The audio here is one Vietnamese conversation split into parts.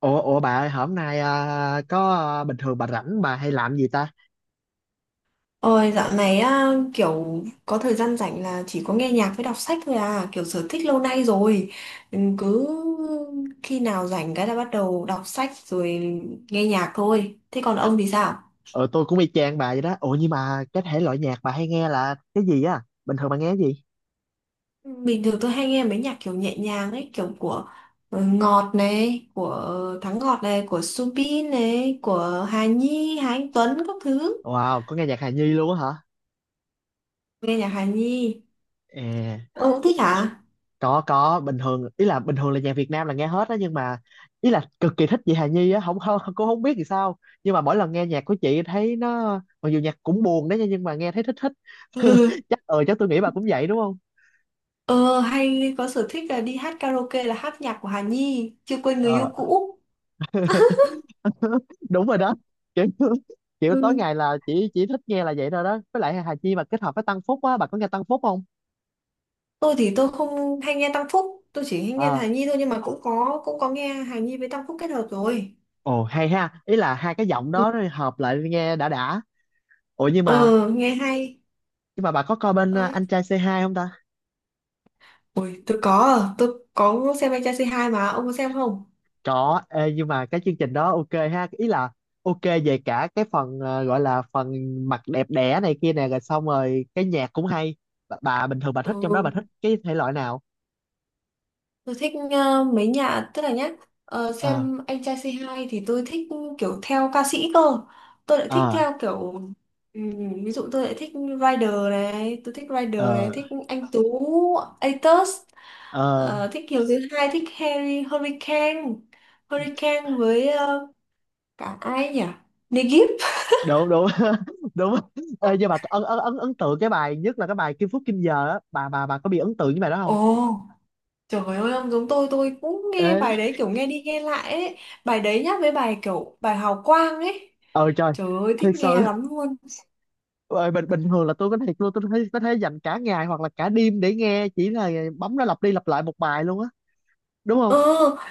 Ủa, bà ơi, hôm nay bình thường bà rảnh bà hay làm gì ta? Ôi dạo này á, kiểu có thời gian rảnh là chỉ có nghe nhạc với đọc sách thôi, à kiểu sở thích lâu nay rồi. Ừ, cứ khi nào rảnh cái là bắt đầu đọc sách rồi, nghe nhạc thôi. Thế còn ông thì sao? Ờ tôi cũng y chang bà vậy đó. Ủa nhưng mà cái thể loại nhạc bà hay nghe là cái gì á? Bình thường bà nghe cái gì? Ừ, bình thường tôi hay nghe mấy nhạc kiểu nhẹ nhàng ấy, kiểu của Ngọt này, của Thắng Ngọt này, của Subin này, của Hà Nhi, Hà Anh Tuấn các thứ. Wow, có nghe nhạc Hà Nhi luôn á hả? Nghe nhạc Hà Nhi. À, Ông cũng thích hả? có, bình thường ý là bình thường là nhạc Việt Nam là nghe hết á, nhưng mà ý là cực kỳ thích chị Hà Nhi á, không không cũng không biết thì sao. Nhưng mà mỗi lần nghe nhạc của chị thấy nó, mặc dù nhạc cũng buồn đấy nha, nhưng mà nghe thấy thích thích. Chắc chắc tôi nghĩ bà cũng vậy đúng không? Ờ, hay có sở thích là đi hát karaoke là hát nhạc của Hà Nhi, chưa quên người yêu Ờ, cũ. đúng rồi đó, kiểu kiểu tối Ừ, ngày là chỉ thích nghe là vậy thôi đó, với lại Hà Chi mà kết hợp với Tăng Phúc á, bà có nghe Tăng Phúc không? tôi thì tôi không hay nghe Tăng Phúc, tôi chỉ hay nghe ờ Hà Nhi thôi, nhưng mà cũng có nghe Hà Nhi với Tăng Phúc kết hợp rồi. Ồ hay ha, ý là hai cái giọng Ừ. đó hợp lại nghe đã đã. ủa nhưng mà Ờ, nghe hay. nhưng mà bà có coi bên Ơi. anh trai C2 không ta? Ôi, tôi có, à, tôi có xem anh trai C2 mà, ông có xem không? Có, ê, nhưng mà cái chương trình đó ok ha, ý là ok về cả cái phần gọi là phần mặt đẹp đẽ này kia nè, rồi xong rồi cái nhạc cũng hay. Bà bình thường bà thích trong đó bà Ừ. thích cái thể loại nào? Tôi thích ờ, mấy nhà tức là nhá, ờ xem anh trai C2 thì tôi thích kiểu theo ca sĩ cơ. Tôi lại thích ờ theo kiểu, ví dụ tôi lại thích Rider này, ờ thích anh Tú Atos, ờ ờ, thích Kiều Thứ Hai, thích Harry Hurricane. Hurricane với cả ai nhỉ? Negip. Đúng đúng đúng. Ê, nhưng mà ấn ấn ấn ấn tượng cái bài nhất là cái bài Kim Phúc Kim Giờ á, bà có bị ấn tượng với bài đó không? Ồ, trời ơi, ông giống tôi cũng nghe bài Ê đấy kiểu nghe đi nghe lại ấy. Bài đấy nhá, với bài kiểu bài Hào Quang ấy. ờ trời Trời ơi, thích Thiệt sự. nghe lắm luôn. Ờ, bình bình thường là tôi có thiệt luôn, tôi thấy có thể dành cả ngày hoặc là cả đêm để nghe, chỉ là bấm nó lặp đi lặp lại một bài luôn á, đúng không? Ờ,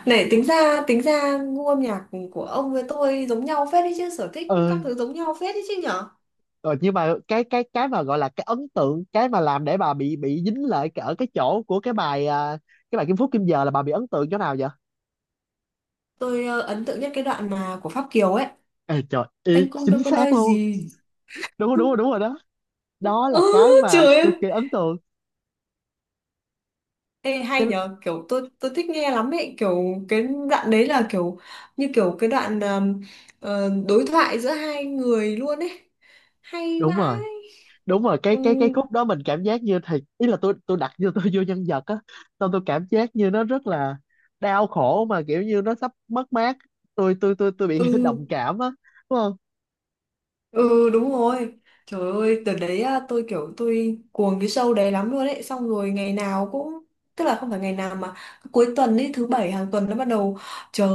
này tính ra gu âm nhạc của ông với tôi giống nhau phết đấy chứ, sở thích các ừ thứ giống nhau phết đấy chứ nhở. ờ, nhưng mà cái mà gọi là cái ấn tượng, cái mà làm để bà bị dính lại ở cái chỗ của cái bài cái bài Kim Phúc Kim Giờ, là bà bị ấn tượng chỗ nào vậy? Tôi ấn tượng nhất cái đoạn mà của Pháp Kiều ấy, Ê trời, anh y cũng đâu chính có xác nói luôn. gì. Đúng rồi đó, đó là Ừ, cái mà trời cực ơi. kỳ ấn tượng. Ê, hay cái nhở, kiểu tôi thích nghe lắm ấy, kiểu cái đoạn đấy là kiểu như kiểu cái đoạn đối thoại giữa hai người luôn ấy, hay Đúng vãi. rồi, cái Ừ, cái cái khúc đó mình cảm giác như thì ý là tôi đặt như tôi vô nhân vật á, xong tôi cảm giác như nó rất là đau khổ, mà kiểu như nó sắp mất mát, tôi bị ừ. đồng cảm á, đúng không? Ừ đúng rồi. Trời ơi từ đấy á, tôi kiểu tôi cuồng cái show đấy lắm luôn đấy. Xong rồi ngày nào cũng, tức là không phải ngày nào, mà cuối tuần ấy, thứ bảy hàng tuần nó bắt đầu. Chờ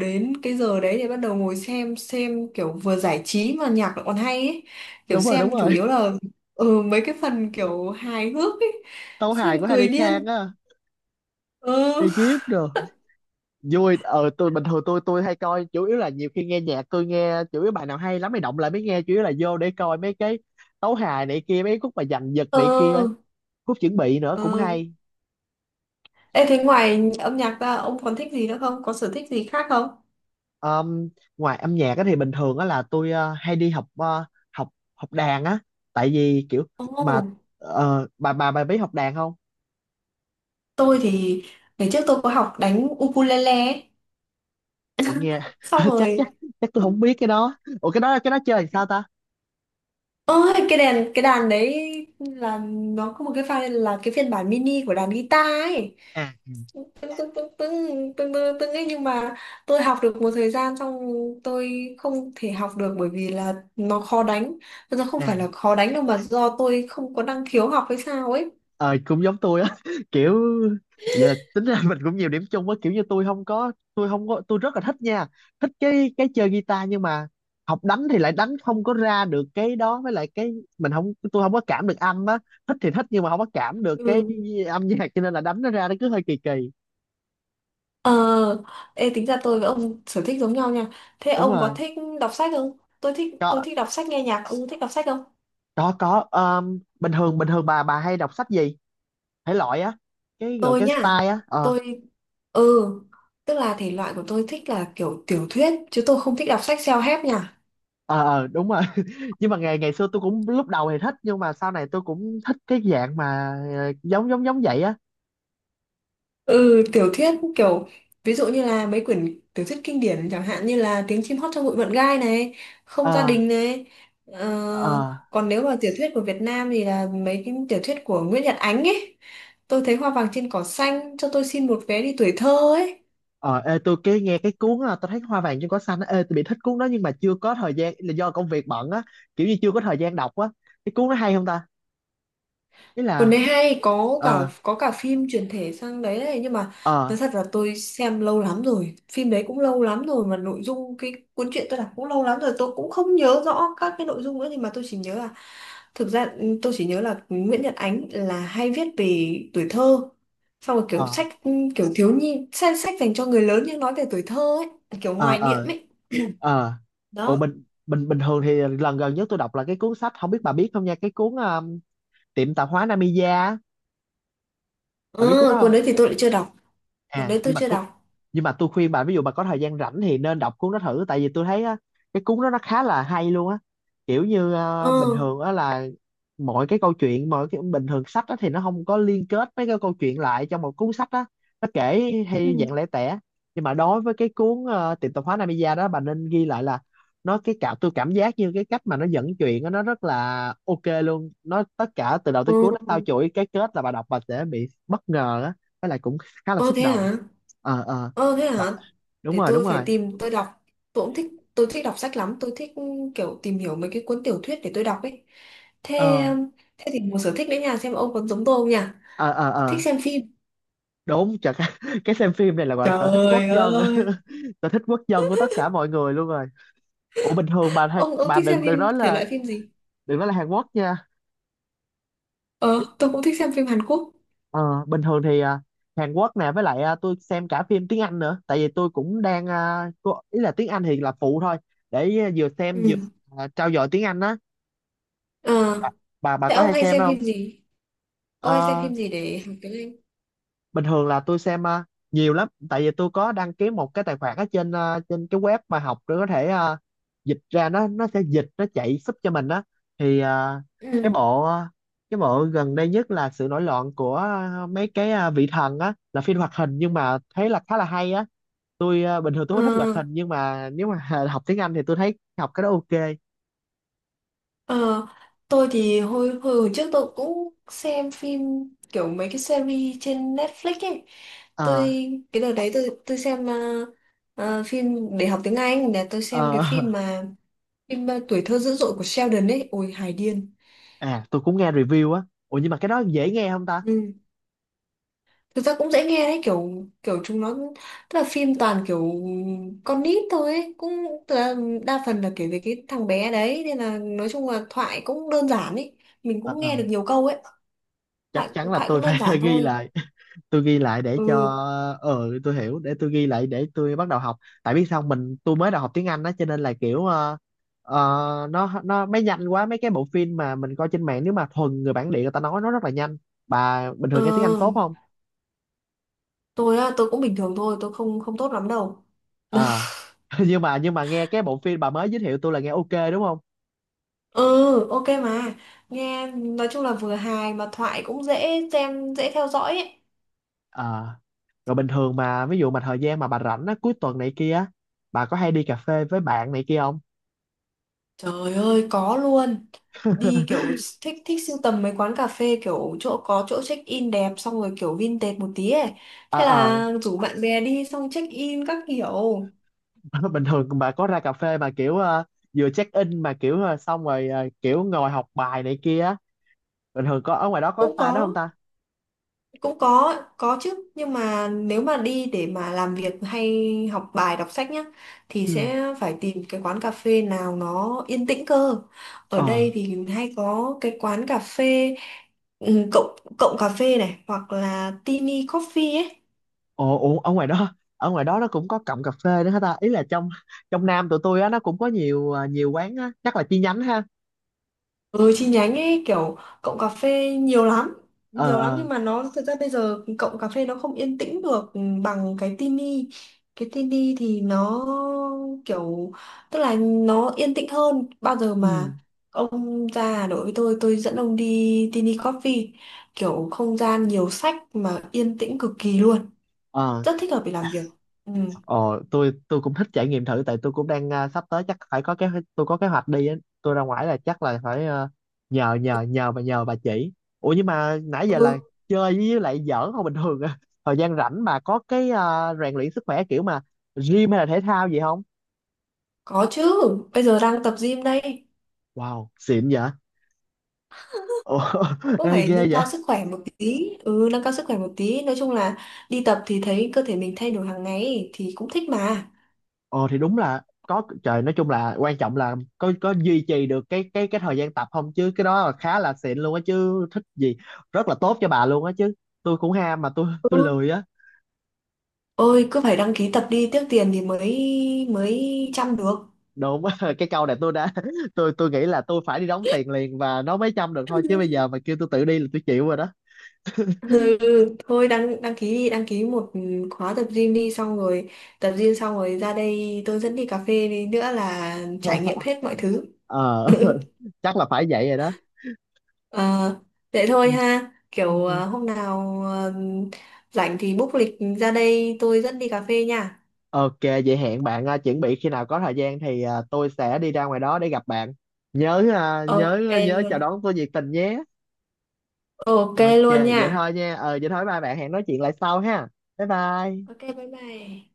đến cái giờ đấy để bắt đầu ngồi xem. Xem kiểu vừa giải trí mà nhạc lại còn hay ấy. Kiểu Đúng rồi đúng xem chủ rồi yếu là ừ, mấy cái phần kiểu hài hước ấy. Tấu hài của Xem cười Harry điên. Khan á. Ừ. Egypt rồi, vui. Ờ tôi, bình thường tôi hay coi, chủ yếu là nhiều khi nghe nhạc tôi nghe, chủ yếu bài nào hay lắm mới động lại mới nghe, chủ yếu là vô để coi mấy cái tấu hài này kia, mấy khúc mà dằn vặt này kia, Ừ. khúc chuẩn bị nữa cũng Ừ. hay. Ê thế ngoài âm nhạc ra ông còn thích gì nữa không? Có sở thích gì khác không? Um, Ngoài âm nhạc á thì bình thường á là tôi hay đi học, ờ, học học đàn á, tại vì kiểu Ồ, mà bà biết học đàn không? tôi thì ngày trước tôi có học đánh ukulele ấy. Ủa nghe Xong chắc chắc rồi chắc tôi không biết cái đó, ủa cái đó chơi làm sao ta? ôi cái đàn, cái đàn đấy là nó có một cái file là cái phiên bản mini của đàn guitar ấy, à tưng tưng tưng tưng tưng tưng tưng ấy, nhưng mà tôi học được một thời gian xong tôi không thể học được, bởi vì là nó khó đánh. Nó không à phải là khó đánh đâu mà do tôi không có năng khiếu học hay sao ấy. ờ Cũng giống tôi á, kiểu vậy là tính ra mình cũng nhiều điểm chung á, kiểu như tôi không có tôi không có tôi rất là thích nha, thích cái chơi guitar, nhưng mà học đánh thì lại đánh không có ra được cái đó, với lại cái mình không tôi không có cảm được âm á, thích thì thích nhưng mà không có cảm được cái Ừ. âm nhạc, cho nên là đánh nó ra nó cứ hơi kỳ kỳ. Ờ, ê, tính ra tôi với ông sở thích giống nhau nha. Thế Đúng ông có rồi, thích đọc sách không? Tôi thích, tôi có thích đọc sách nghe nhạc, ông thích đọc sách không? Có. Bình thường bà hay đọc sách gì, thể loại á, cái gọi Tôi cái nhá. style á. Ờ, Tôi ừ, tức là thể loại của tôi thích là kiểu tiểu thuyết, chứ tôi không thích đọc sách self-help nha. Ờ, đúng rồi, nhưng mà ngày ngày xưa tôi cũng lúc đầu thì thích, nhưng mà sau này tôi cũng thích cái dạng mà, giống giống giống vậy á. Ừ, tiểu thuyết kiểu ví dụ như là mấy quyển tiểu thuyết kinh điển chẳng hạn như là Tiếng chim hót trong bụi mận gai này, Không gia ờ đình này. Ờ, ờ còn nếu mà tiểu thuyết của Việt Nam thì là mấy cái tiểu thuyết của Nguyễn Nhật Ánh ấy. Tôi thấy Hoa vàng trên cỏ xanh, cho tôi xin một vé đi tuổi thơ ấy. ờ Ê, tôi cái nghe cái cuốn á, tôi thấy hoa vàng trên cỏ xanh á, ê tôi bị thích cuốn đó nhưng mà chưa có thời gian là do công việc bận á, kiểu như chưa có thời gian đọc á, cái cuốn nó hay không ta, ý Còn là. đấy hay, ờ có cả phim chuyển thể sang đấy này, nhưng mà ờ nói thật là tôi xem lâu lắm rồi. Phim đấy cũng lâu lắm rồi, mà nội dung cái cuốn truyện tôi đọc cũng lâu lắm rồi, tôi cũng không nhớ rõ các cái nội dung nữa, nhưng mà tôi chỉ nhớ là thực ra ừ, tôi chỉ nhớ là Nguyễn Nhật Ánh là hay viết về tuổi thơ. Xong rồi kiểu ờ sách ừ, kiểu thiếu nhi, sách, sách dành cho người lớn nhưng nói về tuổi thơ ấy, kiểu ờ hoài niệm ờ ấy. ờ Ồ, Đó. bình bình bình thường thì lần gần nhất tôi đọc là cái cuốn sách, không biết bà biết không nha, cái cuốn, tiệm tạp hóa Namiya, bà biết cuốn đó Ừ, không? cuốn đấy thì tôi lại chưa đọc. Cuốn à đấy tôi nhưng mà chưa cu- đọc. nhưng mà tôi khuyên bạn, ví dụ bà có thời gian rảnh thì nên đọc cuốn đó thử, tại vì tôi thấy á, cái cuốn đó nó khá là hay luôn á. Kiểu như Ờ. Bình thường á là mọi cái câu chuyện, mọi cái bình thường sách á thì nó không có liên kết mấy cái câu chuyện lại trong một cuốn sách á, nó kể Ừ. hay dạng lẻ tẻ. Nhưng mà đối với cái cuốn, tiệm tạp hóa Namiya đó, bà nên ghi lại là nó, cái cảm, tôi cảm giác như cái cách mà nó dẫn chuyện á, nó rất là ok luôn, nó tất cả từ đầu tới cuối Ừ. nó tao chuỗi cái kết là bà đọc bà sẽ bị bất ngờ á, với lại cũng khá là Ơ xúc thế động. hả? ờ ờ Ờ thế bà- hả? Đúng Để rồi, tôi phải tìm tôi đọc. Tôi cũng thích, tôi thích đọc sách lắm, tôi thích ừ, kiểu tìm hiểu mấy cái cuốn tiểu thuyết để tôi đọc ấy. Thế ờ thế thì một sở thích đấy nha, xem ông còn giống tôi không nhỉ? ờ ờ Thích ờ xem phim. đúng chả cái, cái xem phim này là gọi là sở thích quốc Trời dân á. ơi. Sở thích quốc dân của tất cả mọi người luôn rồi. Ủa bình thường bà hay, Ông bà thích xem đừng phim đừng nói thể là loại phim gì? đừng nói là Hàn Quốc nha. Ờ, tôi cũng thích xem phim Hàn Quốc. Ờ Bình thường thì Hàn Quốc nè, với lại tôi xem cả phim tiếng Anh nữa, tại vì tôi cũng đang, ý là tiếng Anh thì là phụ thôi, để vừa xem vừa Ừ. Trau dồi tiếng Anh á. Ờ, bà, bà thế có ông hay hay xem xem không? phim gì? Ông hay xem Ờ, phim gì để học tiếng Anh? bình thường là tôi xem, nhiều lắm, tại vì tôi có đăng ký một cái tài khoản ở trên, trên cái web mà học, để có thể dịch ra, nó sẽ dịch, nó chạy giúp cho mình á, thì cái Ừ. bộ, cái bộ gần đây nhất là sự nổi loạn của, vị thần á, là phim hoạt hình nhưng mà thấy là khá là hay á. Tôi bình thường Ờ, tôi không thích hoạt hình, nhưng mà nếu mà học tiếng Anh thì tôi thấy học cái đó ok. ờ, tôi thì hồi, hồi hồi trước tôi cũng xem phim kiểu mấy cái series trên Netflix ấy. Tôi Ờ, cái đợt đấy tôi xem phim để học tiếng Anh là tôi ờ, xem cái phim mà phim Tuổi thơ dữ dội của Sheldon ấy. Ôi hài điên. à tôi cũng nghe review á, ủa nhưng mà cái đó dễ nghe không ta? Ừ. Thực ra cũng dễ nghe đấy, kiểu kiểu chúng nó tức là phim toàn kiểu con nít thôi ấy, cũng tức là đa phần là kể về cái thằng bé đấy nên là nói chung là thoại cũng đơn giản ấy, mình Ờ, cũng ờ. nghe được nhiều câu ấy. Chắc thoại chắn là thoại tôi cũng đơn phải giản ghi thôi. lại, tôi ghi lại để cho, Ừ. Tôi hiểu, để tôi ghi lại để tôi bắt đầu học, tại biết sao tôi mới đầu học tiếng Anh đó cho nên là kiểu, nó mới nhanh quá, mấy cái bộ phim mà mình coi trên mạng nếu mà thuần người bản địa người ta nói nó rất là nhanh. Bà bình Ờ, thường nghe tiếng Anh tốt không? tôi á tôi cũng bình thường thôi, tôi không không tốt lắm đâu. Ờ. Nhưng mà nghe cái bộ phim bà mới giới thiệu tôi là nghe ok đúng không? Ừ ok mà, nghe nói chung là vừa hài mà thoại cũng dễ xem dễ theo dõi ấy. Ờ. Rồi bình thường mà ví dụ mà thời gian mà bà rảnh á, cuối tuần này kia á, bà có hay đi cà phê với bạn này kia không? Trời ơi có luôn. Đi kiểu thích, thích sưu tầm mấy quán cà phê kiểu chỗ có chỗ check in đẹp, xong rồi kiểu vintage một tí ấy. ờ Thế ờ là rủ bạn bè đi xong check in các kiểu. bình thường bà có ra cà phê mà kiểu vừa check in, mà kiểu xong rồi kiểu ngồi học bài này kia á, bình thường có ở ngoài đó có Cũng style đó có, không ta? cũng có chứ, nhưng mà nếu mà đi để mà làm việc hay học bài đọc sách nhá, thì Ừ sẽ phải tìm cái quán cà phê nào nó yên tĩnh cơ. Ở ờ đây thì hay có cái quán cà phê ừ, cộng cộng cà phê này hoặc là Tini Coffee ấy. ồ Ồ, ở ngoài đó nó cũng có cọng cà phê nữa hả ta, ý là trong trong Nam tụi tôi á nó cũng có nhiều, nhiều quán á, chắc là chi nhánh ha. Ừ, chi nhánh ấy, kiểu cộng cà phê nhiều lắm, ờ nhiều lắm, ờ nhưng mà nó thực ra bây giờ cộng cà phê nó không yên tĩnh được bằng cái Tini. Cái Tini thì nó kiểu, tức là nó yên tĩnh hơn bao giờ ừ mà, ông ra Hà Nội với tôi dẫn ông đi Tini Coffee, kiểu không gian nhiều sách mà yên tĩnh cực kỳ luôn, ờ rất thích hợp để làm việc. Ừ, Ờ, tôi cũng thích trải nghiệm thử, tại tôi cũng đang, sắp tới chắc phải có kế, tôi có kế hoạch đi á. Tôi ra ngoài là chắc là phải nhờ nhờ nhờ bà, nhờ bà chỉ. Ủa nhưng mà nãy giờ là ừ. chơi với lại giỡn không bình thường à. Thời gian rảnh bà có cái, rèn luyện sức khỏe kiểu mà gym hay là thể thao gì không? Có chứ, bây giờ đang tập gym đây. Wow, xịn vậy. Ồ, Cũng ê phải ghê nâng vậy. cao sức khỏe một tí, ừ nâng cao sức khỏe một tí, nói chung là đi tập thì thấy cơ thể mình thay đổi hàng ngày ấy, thì cũng thích mà. Ờ thì đúng là có trời, nói chung là quan trọng là có duy trì được cái cái thời gian tập không, chứ cái đó là khá là xịn luôn á chứ, thích gì, rất là tốt cho bà luôn á chứ. Tôi cũng ham mà tôi Ừ lười á. ôi, cứ phải đăng ký tập đi, tiếc tiền thì mới mới chăm được. Đúng á. cái câu này tôi đã tôi nghĩ là tôi phải đi đóng tiền liền và nó mới chăm được thôi, chứ bây giờ mà kêu tôi tự đi là tôi chịu rồi đó. Ừ, thôi đăng đăng ký đi, đăng ký một khóa tập gym đi, xong rồi tập gym xong rồi ra đây tôi dẫn đi cà phê đi nữa là trải nghiệm hết mọi thứ. ờ chắc là phải vậy rồi đó. Ờ, vậy Ừ. thôi ha, kiểu Ừ. Hôm nào rảnh thì book lịch ra đây tôi dẫn đi cà phê nha. Ok, vậy hẹn bạn, chuẩn bị khi nào có thời gian thì tôi sẽ đi ra ngoài đó để gặp bạn. Ok Nhớ luôn. chào đón tôi nhiệt tình nhé. Ok Ok, luôn nha. vậy thôi nha. Ờ vậy thôi ba bạn, hẹn nói chuyện lại sau ha. Bye bye. Ok bye bye.